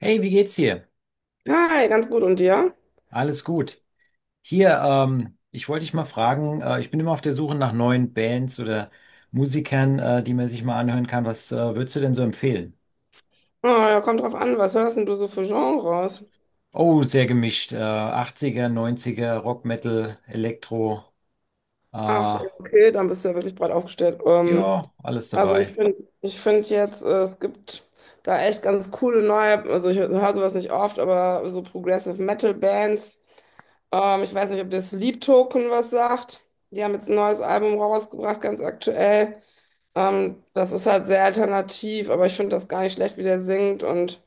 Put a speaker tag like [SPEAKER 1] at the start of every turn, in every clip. [SPEAKER 1] Hey, wie geht's dir?
[SPEAKER 2] Hi, ganz gut. Und dir?
[SPEAKER 1] Alles gut. Hier, ich wollte dich mal fragen, ich bin immer auf der Suche nach neuen Bands oder Musikern, die man sich mal anhören kann. Was, würdest du denn so empfehlen?
[SPEAKER 2] Oh, ja, kommt drauf an, was hörst denn du so für Genres?
[SPEAKER 1] Oh, sehr gemischt. 80er, Rock, Metal, Elektro.
[SPEAKER 2] Ach,
[SPEAKER 1] Äh,
[SPEAKER 2] ja, okay, dann bist du ja wirklich breit aufgestellt.
[SPEAKER 1] ja, alles
[SPEAKER 2] Also
[SPEAKER 1] dabei.
[SPEAKER 2] ich finde jetzt, es gibt da echt ganz coole neue, also ich höre sowas nicht oft, aber so Progressive Metal Bands. Ich weiß nicht, ob dir Sleep Token was sagt. Die haben jetzt ein neues Album rausgebracht, ganz aktuell. Das ist halt sehr alternativ, aber ich finde das gar nicht schlecht, wie der singt und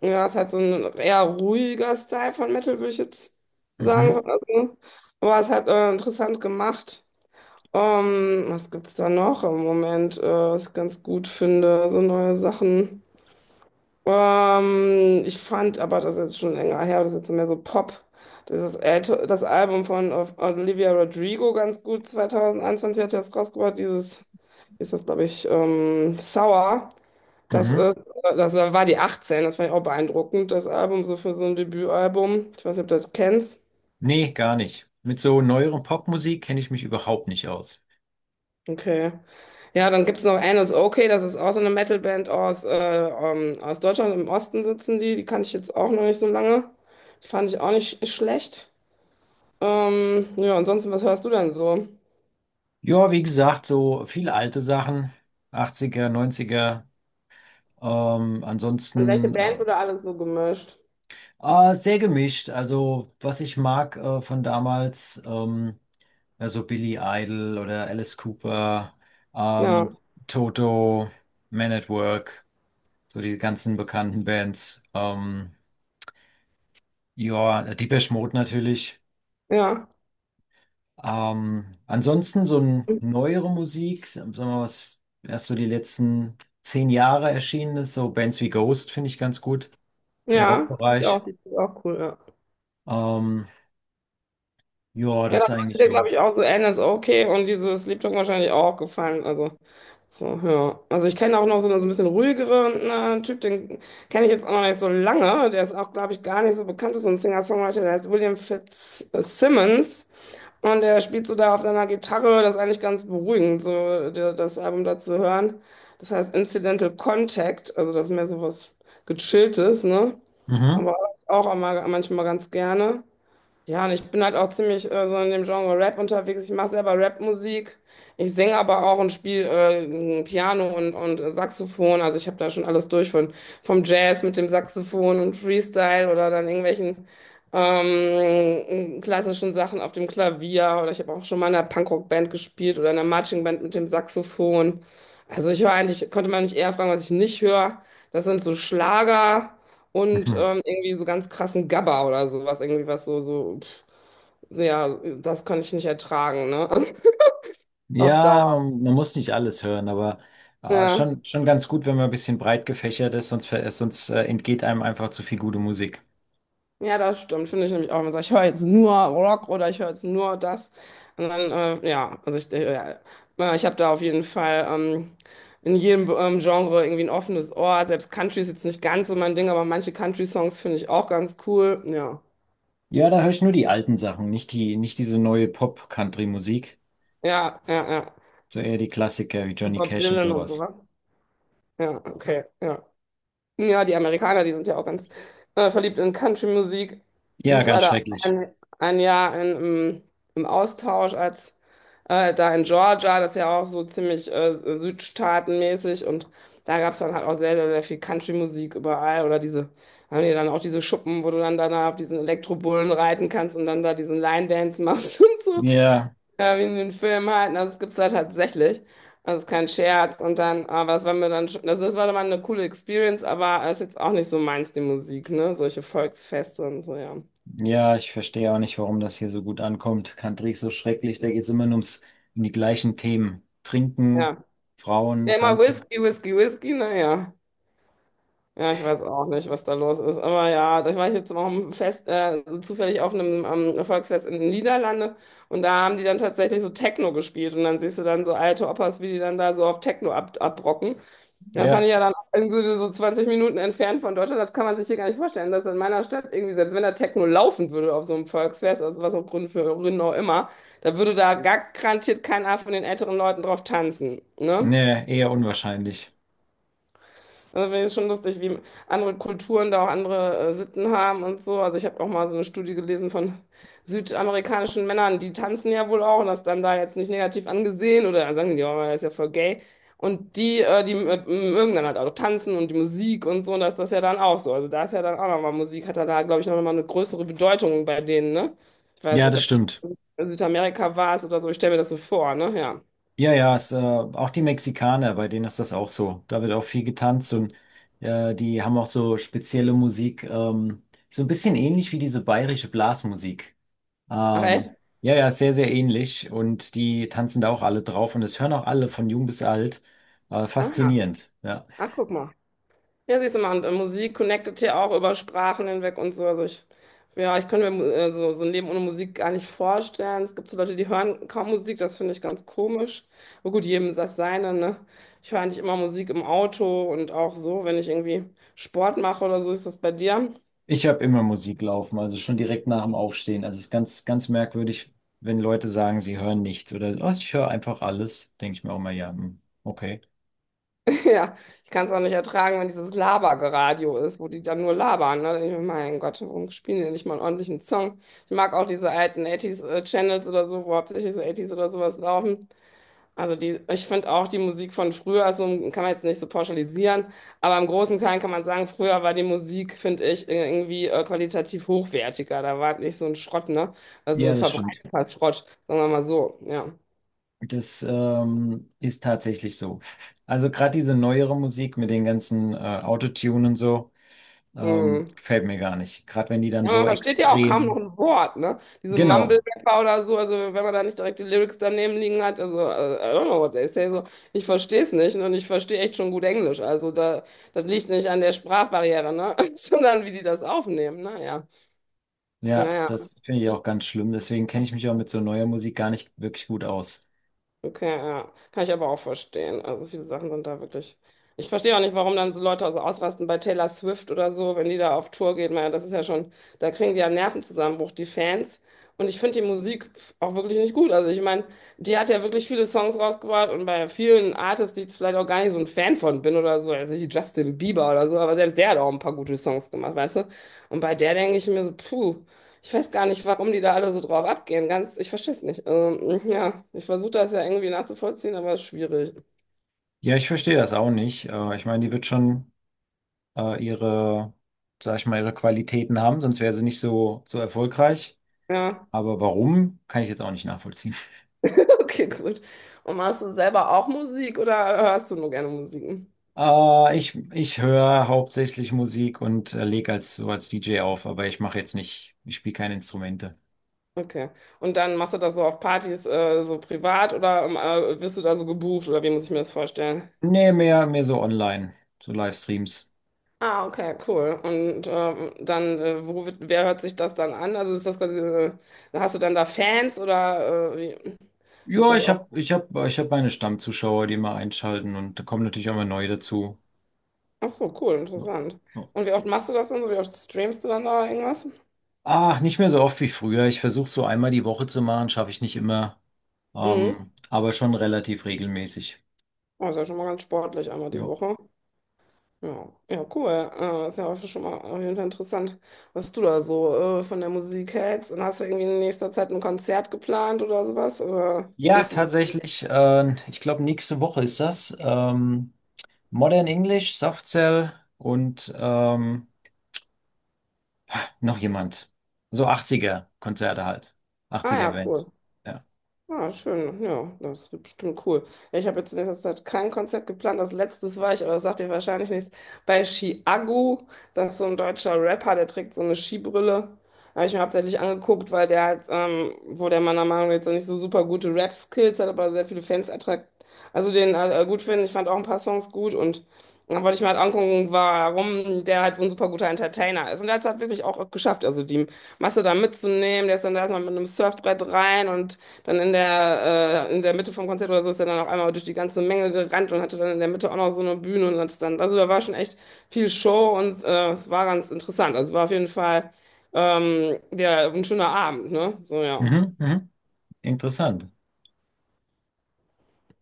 [SPEAKER 2] ja, ist halt so ein eher ruhiger Style von Metal, würde ich jetzt sagen.
[SPEAKER 1] Mhm,
[SPEAKER 2] Also, aber es hat interessant gemacht. Was gibt's da noch im Moment, was ich ganz gut finde? So neue Sachen. Ich fand, aber das ist jetzt schon länger her, das ist jetzt mehr so Pop. Dieses älte, das Album von Olivia Rodrigo ganz gut, 2021 hat sie das rausgebracht, dieses, wie ist das, glaube ich, Sour. Das ist,
[SPEAKER 1] mhm.
[SPEAKER 2] das war die 18, das fand ich auch beeindruckend, das Album, so für so ein Debütalbum. Ich weiß nicht, ob du das kennst.
[SPEAKER 1] Nee, gar nicht. Mit so neueren Popmusik kenne ich mich überhaupt nicht aus.
[SPEAKER 2] Okay. Ja, dann gibt es noch Anus Okay, das ist auch so eine Metalband aus, aus Deutschland, im Osten sitzen die, die kannte ich jetzt auch noch nicht so lange. Die fand ich auch nicht schlecht. Ja, ansonsten, was hörst du denn so?
[SPEAKER 1] Ja, wie gesagt, so viele alte Sachen, Achtziger, neunziger. Ähm,
[SPEAKER 2] Und welche
[SPEAKER 1] ansonsten äh,
[SPEAKER 2] Band wurde alles so gemischt?
[SPEAKER 1] Ah, sehr gemischt. Also, was ich mag von damals, also Billy Idol oder Alice Cooper,
[SPEAKER 2] Ja,
[SPEAKER 1] ähm, Toto, Man at Work, so die ganzen bekannten Bands. Ja, Depeche Mode natürlich.
[SPEAKER 2] ja,
[SPEAKER 1] Ansonsten so eine neuere Musik, sagen wir mal, was erst so die letzten 10 Jahre erschienen ist, so Bands wie Ghost finde ich ganz gut im
[SPEAKER 2] ja, fand ich
[SPEAKER 1] Rockbereich.
[SPEAKER 2] auch, die ist auch cool, ja.
[SPEAKER 1] Ähm, ja,
[SPEAKER 2] Ja,
[SPEAKER 1] das
[SPEAKER 2] das
[SPEAKER 1] ist
[SPEAKER 2] sollte
[SPEAKER 1] eigentlich
[SPEAKER 2] dir, glaube
[SPEAKER 1] so.
[SPEAKER 2] ich, auch so NSOK und dieses Lied Jung wahrscheinlich auch gefallen. Also, so, ja. Also, ich kenne auch noch so einen so ein bisschen ruhigeren Typ, den kenne ich jetzt auch noch nicht so lange. Der ist auch, glaube ich, gar nicht so bekannt, ist so ein Singer-Songwriter, der heißt William Fitzsimmons. Und der spielt so da auf seiner Gitarre, das ist eigentlich ganz beruhigend, so der, das Album da zu hören. Das heißt Incidental Contact, also das ist mehr so was Gechilltes, ne?
[SPEAKER 1] Mhm.
[SPEAKER 2] Aber auch immer, manchmal ganz gerne. Ja, und ich bin halt auch ziemlich so in dem Genre Rap unterwegs. Ich mache selber Rap-Musik. Ich singe aber auch und spiele Piano und Saxophon. Also ich habe da schon alles durch von vom Jazz mit dem Saxophon und Freestyle oder dann irgendwelchen klassischen Sachen auf dem Klavier. Oder ich habe auch schon mal in einer Punkrock-Band gespielt oder in einer Matching-Band mit dem Saxophon. Also ich höre eigentlich, konnte man nicht eher fragen, was ich nicht höre. Das sind so Schlager und irgendwie so ganz krassen Gabber oder sowas, irgendwie was so, so, pff, ja, das kann ich nicht ertragen, ne? Auf
[SPEAKER 1] Ja,
[SPEAKER 2] Dauer.
[SPEAKER 1] man muss nicht alles hören, aber
[SPEAKER 2] Ja,
[SPEAKER 1] schon ganz gut, wenn man ein bisschen breit gefächert ist, sonst, sonst entgeht einem einfach zu viel gute Musik.
[SPEAKER 2] ja, das stimmt, finde ich nämlich auch. Man sagt, ich höre jetzt nur Rock oder ich höre jetzt nur das. Und dann, ja, also ich, ja, ich habe da auf jeden Fall in jedem Genre irgendwie ein offenes Ohr. Selbst Country ist jetzt nicht ganz so mein Ding, aber manche Country-Songs finde ich auch ganz cool. Ja,
[SPEAKER 1] Ja, da höre ich nur die alten Sachen, nicht diese neue Pop-Country-Musik,
[SPEAKER 2] ja, ja, ja.
[SPEAKER 1] so eher die Klassiker wie Johnny
[SPEAKER 2] Bob
[SPEAKER 1] Cash und
[SPEAKER 2] Dylan und
[SPEAKER 1] sowas.
[SPEAKER 2] sowas. Ja, okay, ja. Ja, die Amerikaner, die sind ja auch ganz verliebt in Country-Musik. Und
[SPEAKER 1] Ja,
[SPEAKER 2] ich war
[SPEAKER 1] ganz
[SPEAKER 2] da auch
[SPEAKER 1] schrecklich.
[SPEAKER 2] ein, 1 Jahr in, im, im Austausch als da in Georgia, das ist ja auch so ziemlich südstaatenmäßig und da gab es dann halt auch sehr, sehr, sehr viel Country-Musik überall oder diese, haben die dann auch diese Schuppen, wo du dann danach auf diesen Elektrobullen reiten kannst und dann da diesen Line-Dance machst und so,
[SPEAKER 1] Ja,
[SPEAKER 2] ja, wie in den Filmen halt, und das gibt's da tatsächlich. Das ist kein Scherz. Und dann, aber das war mir dann schon, also das war dann mal eine coole Experience, aber ist jetzt auch nicht so meins, die Musik, ne? Solche Volksfeste und so, ja.
[SPEAKER 1] ja, ich verstehe auch nicht, warum das hier so gut ankommt. Country ist so schrecklich, da geht es immer nur um die gleichen Themen. Trinken,
[SPEAKER 2] Ja.
[SPEAKER 1] Frauen,
[SPEAKER 2] Ja, immer
[SPEAKER 1] tanzen.
[SPEAKER 2] Whisky, Whisky, Whisky, naja. Ja, ich weiß auch nicht, was da los ist. Aber ja, da war ich jetzt auch im Fest, zufällig auf einem Volksfest in den Niederlanden und da haben die dann tatsächlich so Techno gespielt und dann siehst du dann so alte Opas, wie die dann da so auf Techno ab abrocken. Da fand ich
[SPEAKER 1] Ja,
[SPEAKER 2] ja dann irgendwie so, so 20 Minuten entfernt von Deutschland, das kann man sich hier gar nicht vorstellen, dass in meiner Stadt irgendwie, selbst wenn da Techno laufen würde auf so einem Volksfest, aus was auch Grund für Gründen auch immer, da würde da garantiert keiner von den älteren Leuten drauf tanzen, ne?
[SPEAKER 1] nee, eher unwahrscheinlich.
[SPEAKER 2] Also finde ich schon lustig, wie andere Kulturen da auch andere Sitten haben und so. Also ich habe auch mal so eine Studie gelesen von südamerikanischen Männern, die tanzen ja wohl auch und das dann da jetzt nicht negativ angesehen oder sagen die, oh, er ist ja voll gay. Und die, mögen dann halt auch tanzen und die Musik und so, und das ist das ja dann auch so. Also da ist ja dann auch nochmal Musik, hat dann da, glaube ich, noch mal eine größere Bedeutung bei denen, ne? Ich weiß
[SPEAKER 1] Ja,
[SPEAKER 2] nicht,
[SPEAKER 1] das
[SPEAKER 2] ob du
[SPEAKER 1] stimmt.
[SPEAKER 2] schon in Südamerika warst oder so, ich stelle mir das so vor, ne? Ja.
[SPEAKER 1] Ja, es, auch die Mexikaner, bei denen ist das auch so. Da wird auch viel getanzt und die haben auch so spezielle Musik, so ein bisschen ähnlich wie diese bayerische Blasmusik.
[SPEAKER 2] Ach
[SPEAKER 1] Ähm,
[SPEAKER 2] echt?
[SPEAKER 1] ja, sehr ähnlich und die tanzen da auch alle drauf und das hören auch alle von jung bis alt.
[SPEAKER 2] Aha.
[SPEAKER 1] Faszinierend, ja.
[SPEAKER 2] Ach, guck mal. Ja, siehst du mal, und Musik connectet ja auch über Sprachen hinweg und so. Also ich, ja, ich könnte mir so, so ein Leben ohne Musik gar nicht vorstellen. Es gibt so Leute, die hören kaum Musik, das finde ich ganz komisch. Aber gut, jedem das seine, ne? Ich höre eigentlich immer Musik im Auto und auch so, wenn ich irgendwie Sport mache oder so, ist das bei dir.
[SPEAKER 1] Ich habe immer Musik laufen, also schon direkt nach dem Aufstehen. Also es ist ganz merkwürdig, wenn Leute sagen, sie hören nichts oder oh, ich höre einfach alles, denke ich mir auch mal, ja, hm, okay.
[SPEAKER 2] Ja, ich kann es auch nicht ertragen, wenn dieses Labergeradio ist, wo die dann nur labern, ne? Da denk ich mir, mein Gott, warum spielen die nicht mal einen ordentlichen Song? Ich mag auch diese alten 80 channels oder so, wo hauptsächlich so 80 oder sowas laufen. Also die, ich finde auch die Musik von früher, also kann man jetzt nicht so pauschalisieren, aber im Großen und Kleinen kann man sagen, früher war die Musik, finde ich, irgendwie qualitativ hochwertiger. Da war nicht so ein Schrott, ne? Also
[SPEAKER 1] Ja, das stimmt.
[SPEAKER 2] verbreiteter Schrott, sagen wir mal so, ja.
[SPEAKER 1] Das ist tatsächlich so. Also gerade diese neuere Musik mit den ganzen Autotune und so,
[SPEAKER 2] Mhm.
[SPEAKER 1] gefällt mir gar nicht. Gerade wenn die dann
[SPEAKER 2] Ja, man
[SPEAKER 1] so
[SPEAKER 2] versteht ja auch kaum noch
[SPEAKER 1] extrem.
[SPEAKER 2] ein Wort, ne? Diese
[SPEAKER 1] Genau.
[SPEAKER 2] Mumble-Rapper oder so, also wenn man da nicht direkt die Lyrics daneben liegen hat, also I don't know what they say, so, ich verstehe es nicht und ich verstehe echt schon gut Englisch. Also da, das liegt nicht an der Sprachbarriere, ne? Sondern wie die das aufnehmen, ne? Ja. Ja,
[SPEAKER 1] Ja,
[SPEAKER 2] ja,
[SPEAKER 1] das finde ich auch ganz schlimm. Deswegen kenne ich mich auch mit so neuer Musik gar nicht wirklich gut aus.
[SPEAKER 2] okay, ja. Kann ich aber auch verstehen. Also viele Sachen sind da wirklich. Ich verstehe auch nicht, warum dann so Leute so ausrasten bei Taylor Swift oder so, wenn die da auf Tour geht. Man, das ist ja schon, da kriegen die ja einen Nervenzusammenbruch, die Fans. Und ich finde die Musik auch wirklich nicht gut. Also ich meine, die hat ja wirklich viele Songs rausgebracht und bei vielen Artists, die ich vielleicht auch gar nicht so ein Fan von bin oder so, also wie Justin Bieber oder so, aber selbst der hat auch ein paar gute Songs gemacht, weißt du? Und bei der denke ich mir so, puh. Ich weiß gar nicht, warum die da alle so drauf abgehen. Ganz, ich verstehe es nicht. Also, ja, ich versuche das ja irgendwie nachzuvollziehen, aber es ist schwierig.
[SPEAKER 1] Ja, ich verstehe das auch nicht. Ich meine, die wird schon äh, ihre, sag ich mal, ihre Qualitäten haben, sonst wäre sie nicht so, so erfolgreich.
[SPEAKER 2] Ja,
[SPEAKER 1] Aber warum, kann ich jetzt auch nicht nachvollziehen.
[SPEAKER 2] okay, gut. Und machst du selber auch Musik oder hörst du nur gerne Musik?
[SPEAKER 1] Ich ich höre hauptsächlich Musik und lege als so als DJ auf, aber ich mache jetzt nicht, ich spiele keine Instrumente.
[SPEAKER 2] Okay. Und dann machst du das so auf Partys, so privat oder wirst du da so gebucht oder wie muss ich mir das vorstellen?
[SPEAKER 1] Nee, mehr so online, so Livestreams.
[SPEAKER 2] Ah, okay, cool. Und dann, wo wird, wer hört sich das dann an? Also ist das quasi, hast du dann da Fans oder wie, wie ist
[SPEAKER 1] Ja,
[SPEAKER 2] das
[SPEAKER 1] ich habe
[SPEAKER 2] auch?
[SPEAKER 1] ich hab, ich hab meine Stammzuschauer, die immer einschalten und da kommen natürlich auch mal neue dazu.
[SPEAKER 2] Ach so, cool,
[SPEAKER 1] Ja.
[SPEAKER 2] interessant.
[SPEAKER 1] Ja.
[SPEAKER 2] Und wie oft machst du das denn so? Wie oft streamst du dann da irgendwas?
[SPEAKER 1] Ach, nicht mehr so oft wie früher. Ich versuche so einmal die Woche zu machen, schaffe ich nicht immer,
[SPEAKER 2] Mhm.
[SPEAKER 1] aber schon relativ regelmäßig.
[SPEAKER 2] Oh, ist ja schon mal ganz sportlich, einmal die
[SPEAKER 1] Ja,
[SPEAKER 2] Woche. Ja, ja, cool. Ist ja auch schon mal auf jeden Fall interessant, was du da so von der Musik hältst. Und hast du irgendwie in nächster Zeit ein Konzert geplant oder sowas? Oder
[SPEAKER 1] ja,
[SPEAKER 2] gehst du?
[SPEAKER 1] tatsächlich. Ich glaube, nächste Woche ist das. Modern English, Soft Cell und noch jemand. So 80er-Konzerte halt.
[SPEAKER 2] Ah ja,
[SPEAKER 1] 80er-Bands.
[SPEAKER 2] cool.
[SPEAKER 1] Ja.
[SPEAKER 2] Ah, schön. Ja, das wird bestimmt cool. Ja, ich habe jetzt in letzter Zeit kein Konzert geplant. Das letztes war ich, aber das sagt dir wahrscheinlich nichts. Bei Chiago, das ist so ein deutscher Rapper, der trägt so eine Skibrille. Habe ich mir hauptsächlich angeguckt, weil der halt, wo der meiner Meinung nach jetzt nicht so super gute Rap-Skills hat, aber sehr viele Fans attraktiv. Also den gut finden. Ich fand auch ein paar Songs gut und dann wollte ich mal angucken, warum der halt so ein super guter Entertainer ist. Und der hat es halt wirklich auch geschafft, also die Masse da mitzunehmen. Der ist dann da erstmal mit einem Surfbrett rein und dann in der Mitte vom Konzert oder so ist er dann auch einmal durch die ganze Menge gerannt und hatte dann in der Mitte auch noch so eine Bühne und hat dann, also da war schon echt viel Show und es war ganz interessant. Also war auf jeden Fall der, ein schöner Abend, ne? So, ja.
[SPEAKER 1] Mhm, mhm. Interessant.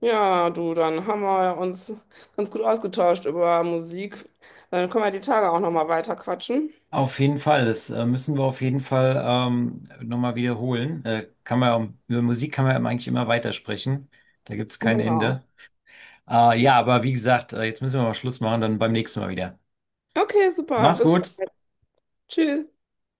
[SPEAKER 2] Ja, du, dann haben wir ja uns ganz gut ausgetauscht über Musik. Dann können wir die Tage auch nochmal weiter quatschen.
[SPEAKER 1] Auf jeden Fall, das müssen wir auf jeden Fall nochmal wiederholen. Kann man, über Musik kann man eben eigentlich immer weitersprechen. Da gibt es kein
[SPEAKER 2] Genau.
[SPEAKER 1] Ende. Ja, aber wie gesagt, jetzt müssen wir mal Schluss machen, dann beim nächsten Mal wieder.
[SPEAKER 2] Okay, super.
[SPEAKER 1] Mach's
[SPEAKER 2] Bis
[SPEAKER 1] gut.
[SPEAKER 2] bald. Tschüss.